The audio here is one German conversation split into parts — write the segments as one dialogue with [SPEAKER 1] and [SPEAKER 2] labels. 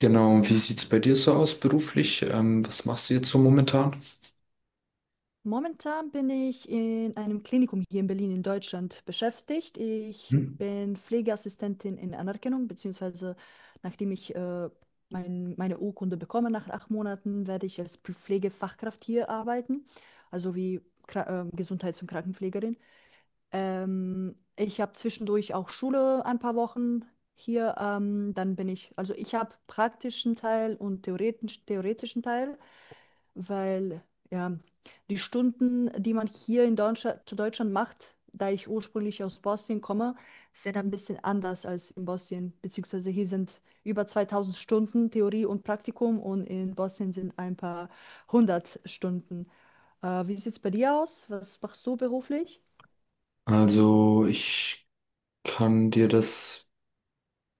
[SPEAKER 1] Genau, und wie sieht's bei dir so aus beruflich? Was machst du jetzt so momentan?
[SPEAKER 2] Momentan bin ich in einem Klinikum hier in Berlin in Deutschland beschäftigt. Ich
[SPEAKER 1] Hm?
[SPEAKER 2] bin Pflegeassistentin in Anerkennung, beziehungsweise nachdem ich meine Urkunde bekomme, nach 8 Monaten, werde ich als Pflegefachkraft hier arbeiten, also wie Kra Gesundheits- und Krankenpflegerin. Ich habe zwischendurch auch Schule ein paar Wochen hier. Dann bin ich, also ich habe praktischen Teil und theoretischen Teil, weil ja, die Stunden, die man hier in Deutschland, zu Deutschland macht, da ich ursprünglich aus Bosnien komme, sind ein bisschen anders als in Bosnien, beziehungsweise hier sind über 2000 Stunden Theorie und Praktikum und in Bosnien sind ein paar hundert Stunden. Wie sieht es bei dir aus? Was machst du beruflich?
[SPEAKER 1] Also ich kann dir das,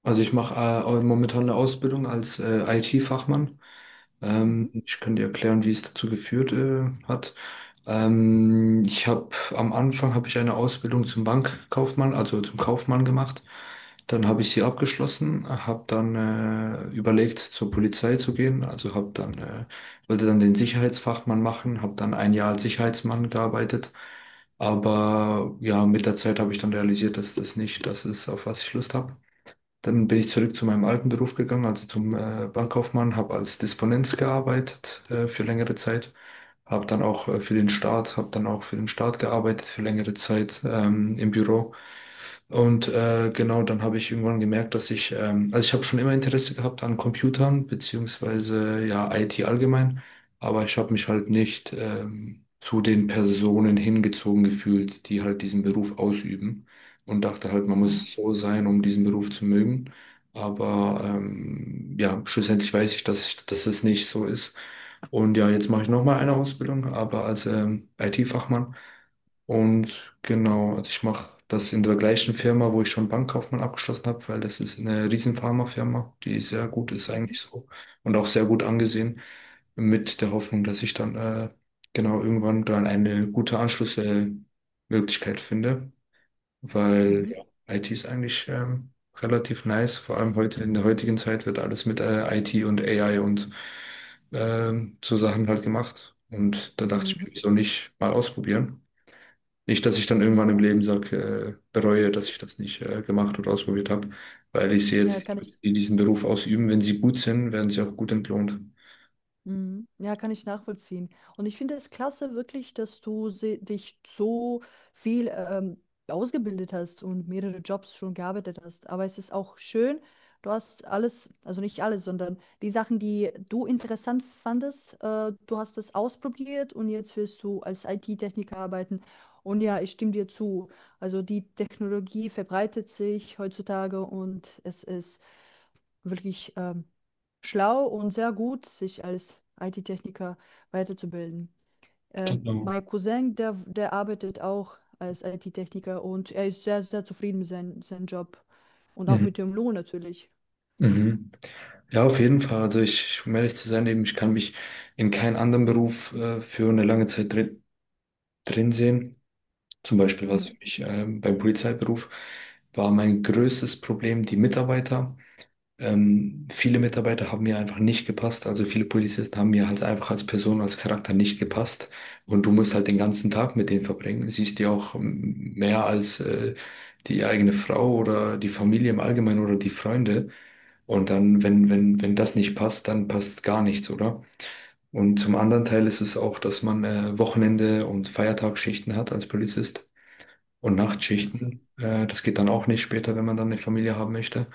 [SPEAKER 1] also ich mache momentan eine Ausbildung als IT-Fachmann.
[SPEAKER 2] Mhm.
[SPEAKER 1] Ich kann dir erklären, wie es dazu geführt hat. Ich habe Am Anfang habe ich eine Ausbildung zum Bankkaufmann, also zum Kaufmann gemacht. Dann habe ich sie abgeschlossen, habe dann überlegt, zur Polizei zu gehen. Also habe dann Wollte dann den Sicherheitsfachmann machen, habe dann ein Jahr als Sicherheitsmann gearbeitet. Aber ja, mit der Zeit habe ich dann realisiert, dass das nicht das ist, auf was ich Lust habe. Dann bin ich zurück zu meinem alten Beruf gegangen, also zum Bankkaufmann, habe als Disponent gearbeitet für längere Zeit, habe dann auch für den Staat gearbeitet für längere Zeit im Büro. Und genau, dann habe ich irgendwann gemerkt, also ich habe schon immer Interesse gehabt an Computern, beziehungsweise ja, IT allgemein, aber ich habe mich halt nicht zu den Personen hingezogen gefühlt, die halt diesen Beruf ausüben, und dachte halt, man
[SPEAKER 2] Aha.
[SPEAKER 1] muss so sein, um diesen Beruf zu mögen. Aber ja, schlussendlich weiß ich, dass es nicht so ist. Und ja, jetzt mache ich nochmal eine Ausbildung, aber als IT-Fachmann. Und genau, also ich mache das in der gleichen Firma, wo ich schon Bankkaufmann abgeschlossen habe, weil das ist eine riesen Pharmafirma, die sehr gut ist
[SPEAKER 2] Mhm.
[SPEAKER 1] eigentlich so, und auch sehr gut angesehen, mit der Hoffnung, dass ich dann genau irgendwann dann eine gute Anschlussmöglichkeit finde, weil
[SPEAKER 2] Mhm.
[SPEAKER 1] ja, IT ist eigentlich relativ nice. Vor allem heute in der heutigen Zeit wird alles mit IT und AI und so Sachen halt gemacht. Und da dachte ich
[SPEAKER 2] Mhm.
[SPEAKER 1] mir, wieso nicht mal ausprobieren? Nicht, dass ich dann irgendwann im Leben sage, bereue, dass ich das nicht gemacht oder ausprobiert habe, weil ich sehe
[SPEAKER 2] Ja,
[SPEAKER 1] jetzt, die
[SPEAKER 2] kann
[SPEAKER 1] Leute,
[SPEAKER 2] ich.
[SPEAKER 1] die diesen Beruf ausüben, wenn sie gut sind, werden sie auch gut entlohnt.
[SPEAKER 2] Mhm. Ja, kann ich nachvollziehen. Und ich finde es klasse wirklich, dass du dich so viel ausgebildet hast und mehrere Jobs schon gearbeitet hast. Aber es ist auch schön, du hast alles, also nicht alles, sondern die Sachen, die du interessant fandest, du hast das ausprobiert und jetzt wirst du als IT-Techniker arbeiten. Und ja, ich stimme dir zu. Also die Technologie verbreitet sich heutzutage und es ist wirklich schlau und sehr gut, sich als IT-Techniker weiterzubilden.
[SPEAKER 1] Genau.
[SPEAKER 2] Mein Cousin, der arbeitet auch als IT-Techniker und er ist sehr, sehr zufrieden mit seinem Job und auch
[SPEAKER 1] Mhm.
[SPEAKER 2] mit dem Lohn natürlich.
[SPEAKER 1] Mhm. Ja, auf jeden Fall. Um ehrlich zu sein, eben, ich kann mich in keinen anderen Beruf für eine lange Zeit drin sehen. Zum Beispiel, was für
[SPEAKER 2] Mhm.
[SPEAKER 1] mich beim Polizeiberuf war mein größtes Problem, die Mitarbeiter. Viele Mitarbeiter haben mir einfach nicht gepasst. Also viele Polizisten haben mir halt einfach als Person, als Charakter nicht gepasst. Und du musst halt den ganzen Tag mit denen verbringen. Siehst die auch mehr als die eigene Frau oder die Familie im Allgemeinen oder die Freunde. Und dann, wenn das nicht passt, dann passt gar nichts, oder? Und zum anderen Teil ist es auch, dass man Wochenende- und Feiertagsschichten hat als Polizist und
[SPEAKER 2] Ach so.
[SPEAKER 1] Nachtschichten. Das geht dann auch nicht später, wenn man dann eine Familie haben möchte.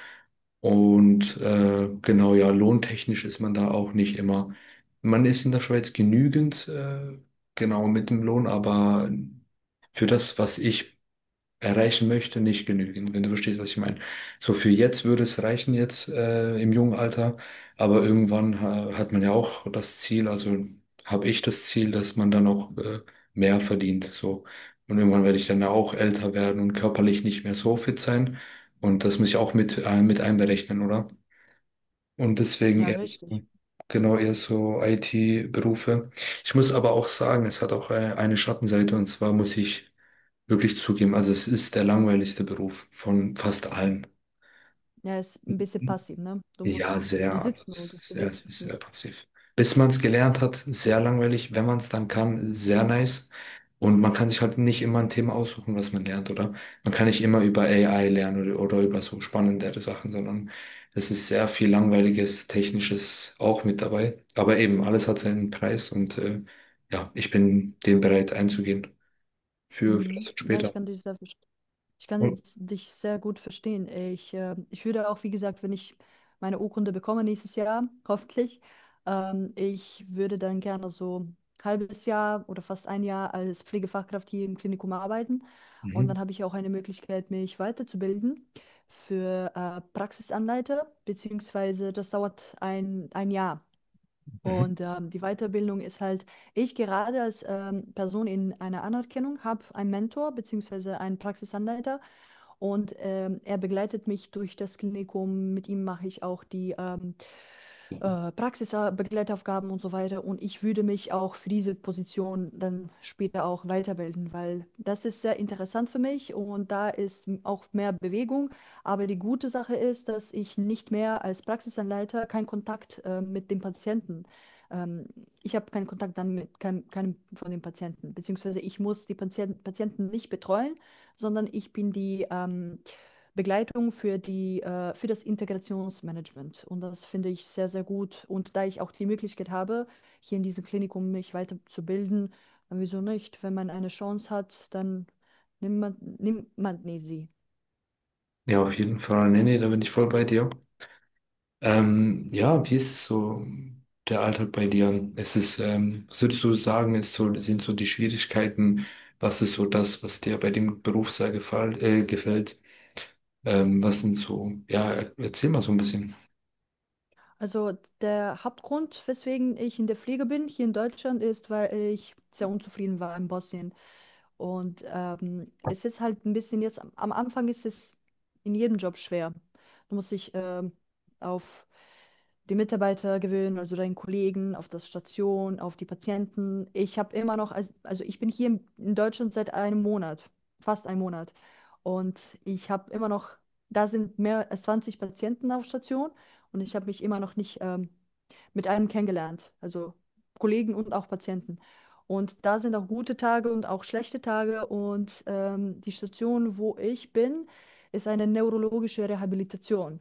[SPEAKER 1] Und genau, ja, lohntechnisch ist man da auch nicht immer. Man ist in der Schweiz genügend, genau mit dem Lohn, aber für das, was ich erreichen möchte, nicht genügen, wenn du verstehst, was ich meine. So für jetzt würde es reichen, jetzt im jungen Alter, aber irgendwann hat man ja auch das Ziel, also habe ich das Ziel, dass man dann auch mehr verdient, so. Und irgendwann werde ich dann ja auch älter werden und körperlich nicht mehr so fit sein. Und das muss ich auch mit einberechnen, oder? Und deswegen
[SPEAKER 2] Ja,
[SPEAKER 1] eher so,
[SPEAKER 2] richtig.
[SPEAKER 1] genau eher so IT-Berufe. Ich muss aber auch sagen, es hat auch eine Schattenseite, und zwar muss ich wirklich zugeben, also es ist der langweiligste Beruf von fast allen.
[SPEAKER 2] Ja, ist ein bisschen passiv, ne? Du
[SPEAKER 1] Ja,
[SPEAKER 2] musst, du
[SPEAKER 1] sehr. Also
[SPEAKER 2] sitzt nur, du
[SPEAKER 1] es
[SPEAKER 2] bewegst dich
[SPEAKER 1] ist sehr
[SPEAKER 2] nicht.
[SPEAKER 1] passiv. Bis man es gelernt hat, sehr langweilig. Wenn man es dann kann, sehr nice. Und man kann sich halt nicht immer ein Thema aussuchen, was man lernt, oder? Man kann nicht immer über AI lernen, oder über so spannendere Sachen, sondern es ist sehr viel langweiliges, technisches auch mit dabei. Aber eben, alles hat seinen Preis und ja, ich bin dem bereit einzugehen für das
[SPEAKER 2] Mhm. Ja, ich
[SPEAKER 1] später.
[SPEAKER 2] kann dich sehr verstehen. Ich, kann
[SPEAKER 1] Und,
[SPEAKER 2] jetzt dich sehr gut verstehen. Ich würde auch, wie gesagt, wenn ich meine Urkunde bekomme nächstes Jahr, hoffentlich, ich würde dann gerne so ein halbes Jahr oder fast ein Jahr als Pflegefachkraft hier im Klinikum arbeiten. Und
[SPEAKER 1] mhm,
[SPEAKER 2] dann habe ich auch eine Möglichkeit, mich weiterzubilden für Praxisanleiter, beziehungsweise das dauert ein Jahr.
[SPEAKER 1] mhm.
[SPEAKER 2] Und die Weiterbildung ist halt, ich gerade als Person in einer Anerkennung habe einen Mentor, beziehungsweise einen Praxisanleiter. Und er begleitet mich durch das Klinikum. Mit ihm mache ich auch die Praxisbegleitaufgaben und so weiter. Und ich würde mich auch für diese Position dann später auch weiterbilden, weil das ist sehr interessant für mich und da ist auch mehr Bewegung. Aber die gute Sache ist, dass ich nicht mehr als Praxisanleiter keinen Kontakt mit dem Patienten. Ähm, Ich habe keinen Kontakt dann mit keinem von den Patienten, beziehungsweise ich muss die Patienten nicht betreuen, sondern ich bin die Begleitung für für das Integrationsmanagement. Und das finde ich sehr, sehr gut. Und da ich auch die Möglichkeit habe, hier in diesem Klinikum mich weiterzubilden, dann wieso nicht? Wenn man eine Chance hat, dann nimmt man nie sie.
[SPEAKER 1] Ja, auf jeden Fall. Nee, nee, da bin ich voll bei dir. Ja, wie ist es so, der Alltag bei dir? Ist es, was würdest du sagen, ist so, sind so die Schwierigkeiten? Was ist so das, was dir bei dem Beruf sehr gefällt? Was sind so, ja, erzähl mal so ein bisschen.
[SPEAKER 2] Also der Hauptgrund, weswegen ich in der Pflege bin, hier in Deutschland, ist, weil ich sehr unzufrieden war in Bosnien. Und es ist halt ein bisschen jetzt, am Anfang ist es in jedem Job schwer. Du musst dich auf die Mitarbeiter gewöhnen, also deinen Kollegen, auf das Station, auf die Patienten. Ich habe immer noch, also ich bin hier in Deutschland seit einem Monat, fast einem Monat. Und ich habe immer noch, da sind mehr als 20 Patienten auf Station und ich habe mich immer noch nicht mit einem kennengelernt, also Kollegen und auch Patienten. Und da sind auch gute Tage und auch schlechte Tage. Und die Station, wo ich bin, ist eine neurologische Rehabilitation.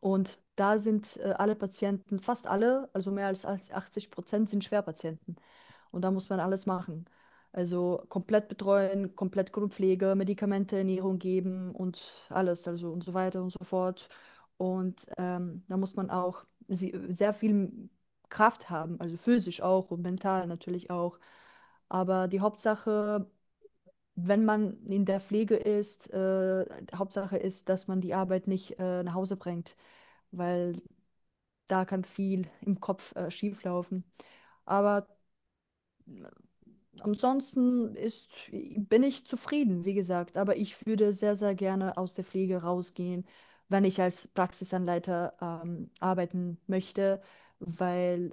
[SPEAKER 2] Und da sind alle Patienten, fast alle, also mehr als 80% sind Schwerpatienten. Und da muss man alles machen. Also komplett betreuen, komplett Grundpflege, Medikamente, Ernährung geben und alles, also und so weiter und so fort. Und da muss man auch sehr viel Kraft haben, also physisch auch und mental natürlich auch. Aber die Hauptsache, wenn man in der Pflege Hauptsache ist, dass man die Arbeit nicht nach Hause bringt, weil da kann viel im Kopf schieflaufen. Aber ansonsten bin ich zufrieden, wie gesagt. Aber ich würde sehr, sehr gerne aus der Pflege rausgehen, wenn ich als Praxisanleiter arbeiten möchte, weil,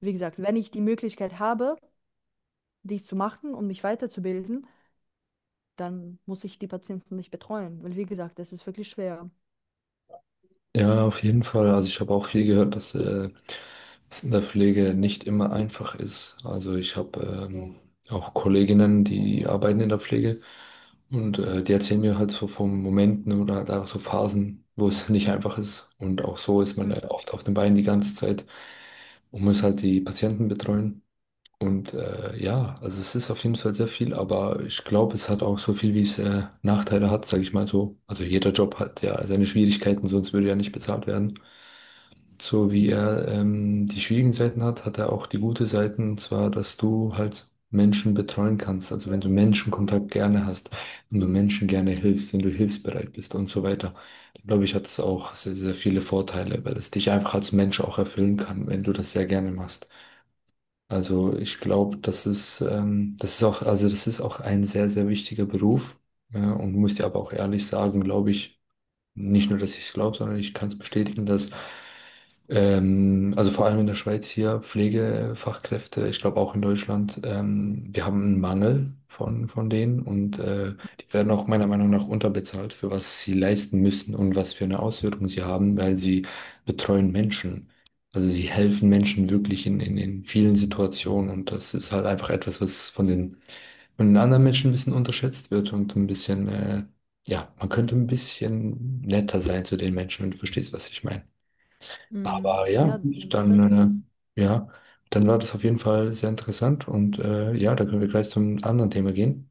[SPEAKER 2] wie gesagt, wenn ich die Möglichkeit habe, dies zu machen und mich weiterzubilden, dann muss ich die Patienten nicht betreuen, weil, wie gesagt, das ist wirklich schwer.
[SPEAKER 1] Ja, auf jeden Fall. Also ich habe auch viel gehört, dass was in der Pflege nicht immer einfach ist. Also ich habe Ja. Auch Kolleginnen, die arbeiten in der Pflege und die erzählen mir halt so von Momenten oder halt auch so Phasen, wo es nicht einfach ist. Und auch so ist man
[SPEAKER 2] Mhm.
[SPEAKER 1] oft auf den Beinen die ganze Zeit und muss halt die Patienten betreuen. Und ja, also es ist auf jeden Fall sehr viel, aber ich glaube, es hat auch so viel, wie es Nachteile hat, sage ich mal so. Also jeder Job hat ja seine Schwierigkeiten, sonst würde er nicht bezahlt werden. So wie er die schwierigen Seiten hat, hat er auch die gute Seiten, und zwar, dass du halt Menschen betreuen kannst. Also wenn du Menschenkontakt gerne hast, wenn du Menschen gerne hilfst, wenn du hilfsbereit bist und so weiter, dann glaube ich, hat es auch sehr, sehr viele Vorteile, weil es dich einfach als Mensch auch erfüllen kann, wenn du das sehr gerne machst. Also ich glaube, das ist auch, also das ist auch ein sehr, sehr wichtiger Beruf. Ja, und muss dir aber auch ehrlich sagen, glaube ich, nicht nur, dass ich es glaube, sondern ich kann es bestätigen, dass also vor allem in der Schweiz hier, Pflegefachkräfte, ich glaube auch in Deutschland, wir haben einen Mangel von denen und die werden auch meiner Meinung nach unterbezahlt für was sie leisten müssen und was für eine Auswirkung sie haben, weil sie betreuen Menschen. Also sie helfen Menschen wirklich in vielen Situationen und das ist halt einfach etwas, was von den anderen Menschen ein bisschen unterschätzt wird und ein bisschen, ja, man könnte ein bisschen netter sein zu den Menschen, wenn du verstehst, was ich meine.
[SPEAKER 2] Mm,
[SPEAKER 1] Aber
[SPEAKER 2] ja, man schätzt das.
[SPEAKER 1] dann, ja, dann war das auf jeden Fall sehr interessant und ja, da können wir gleich zum anderen Thema gehen.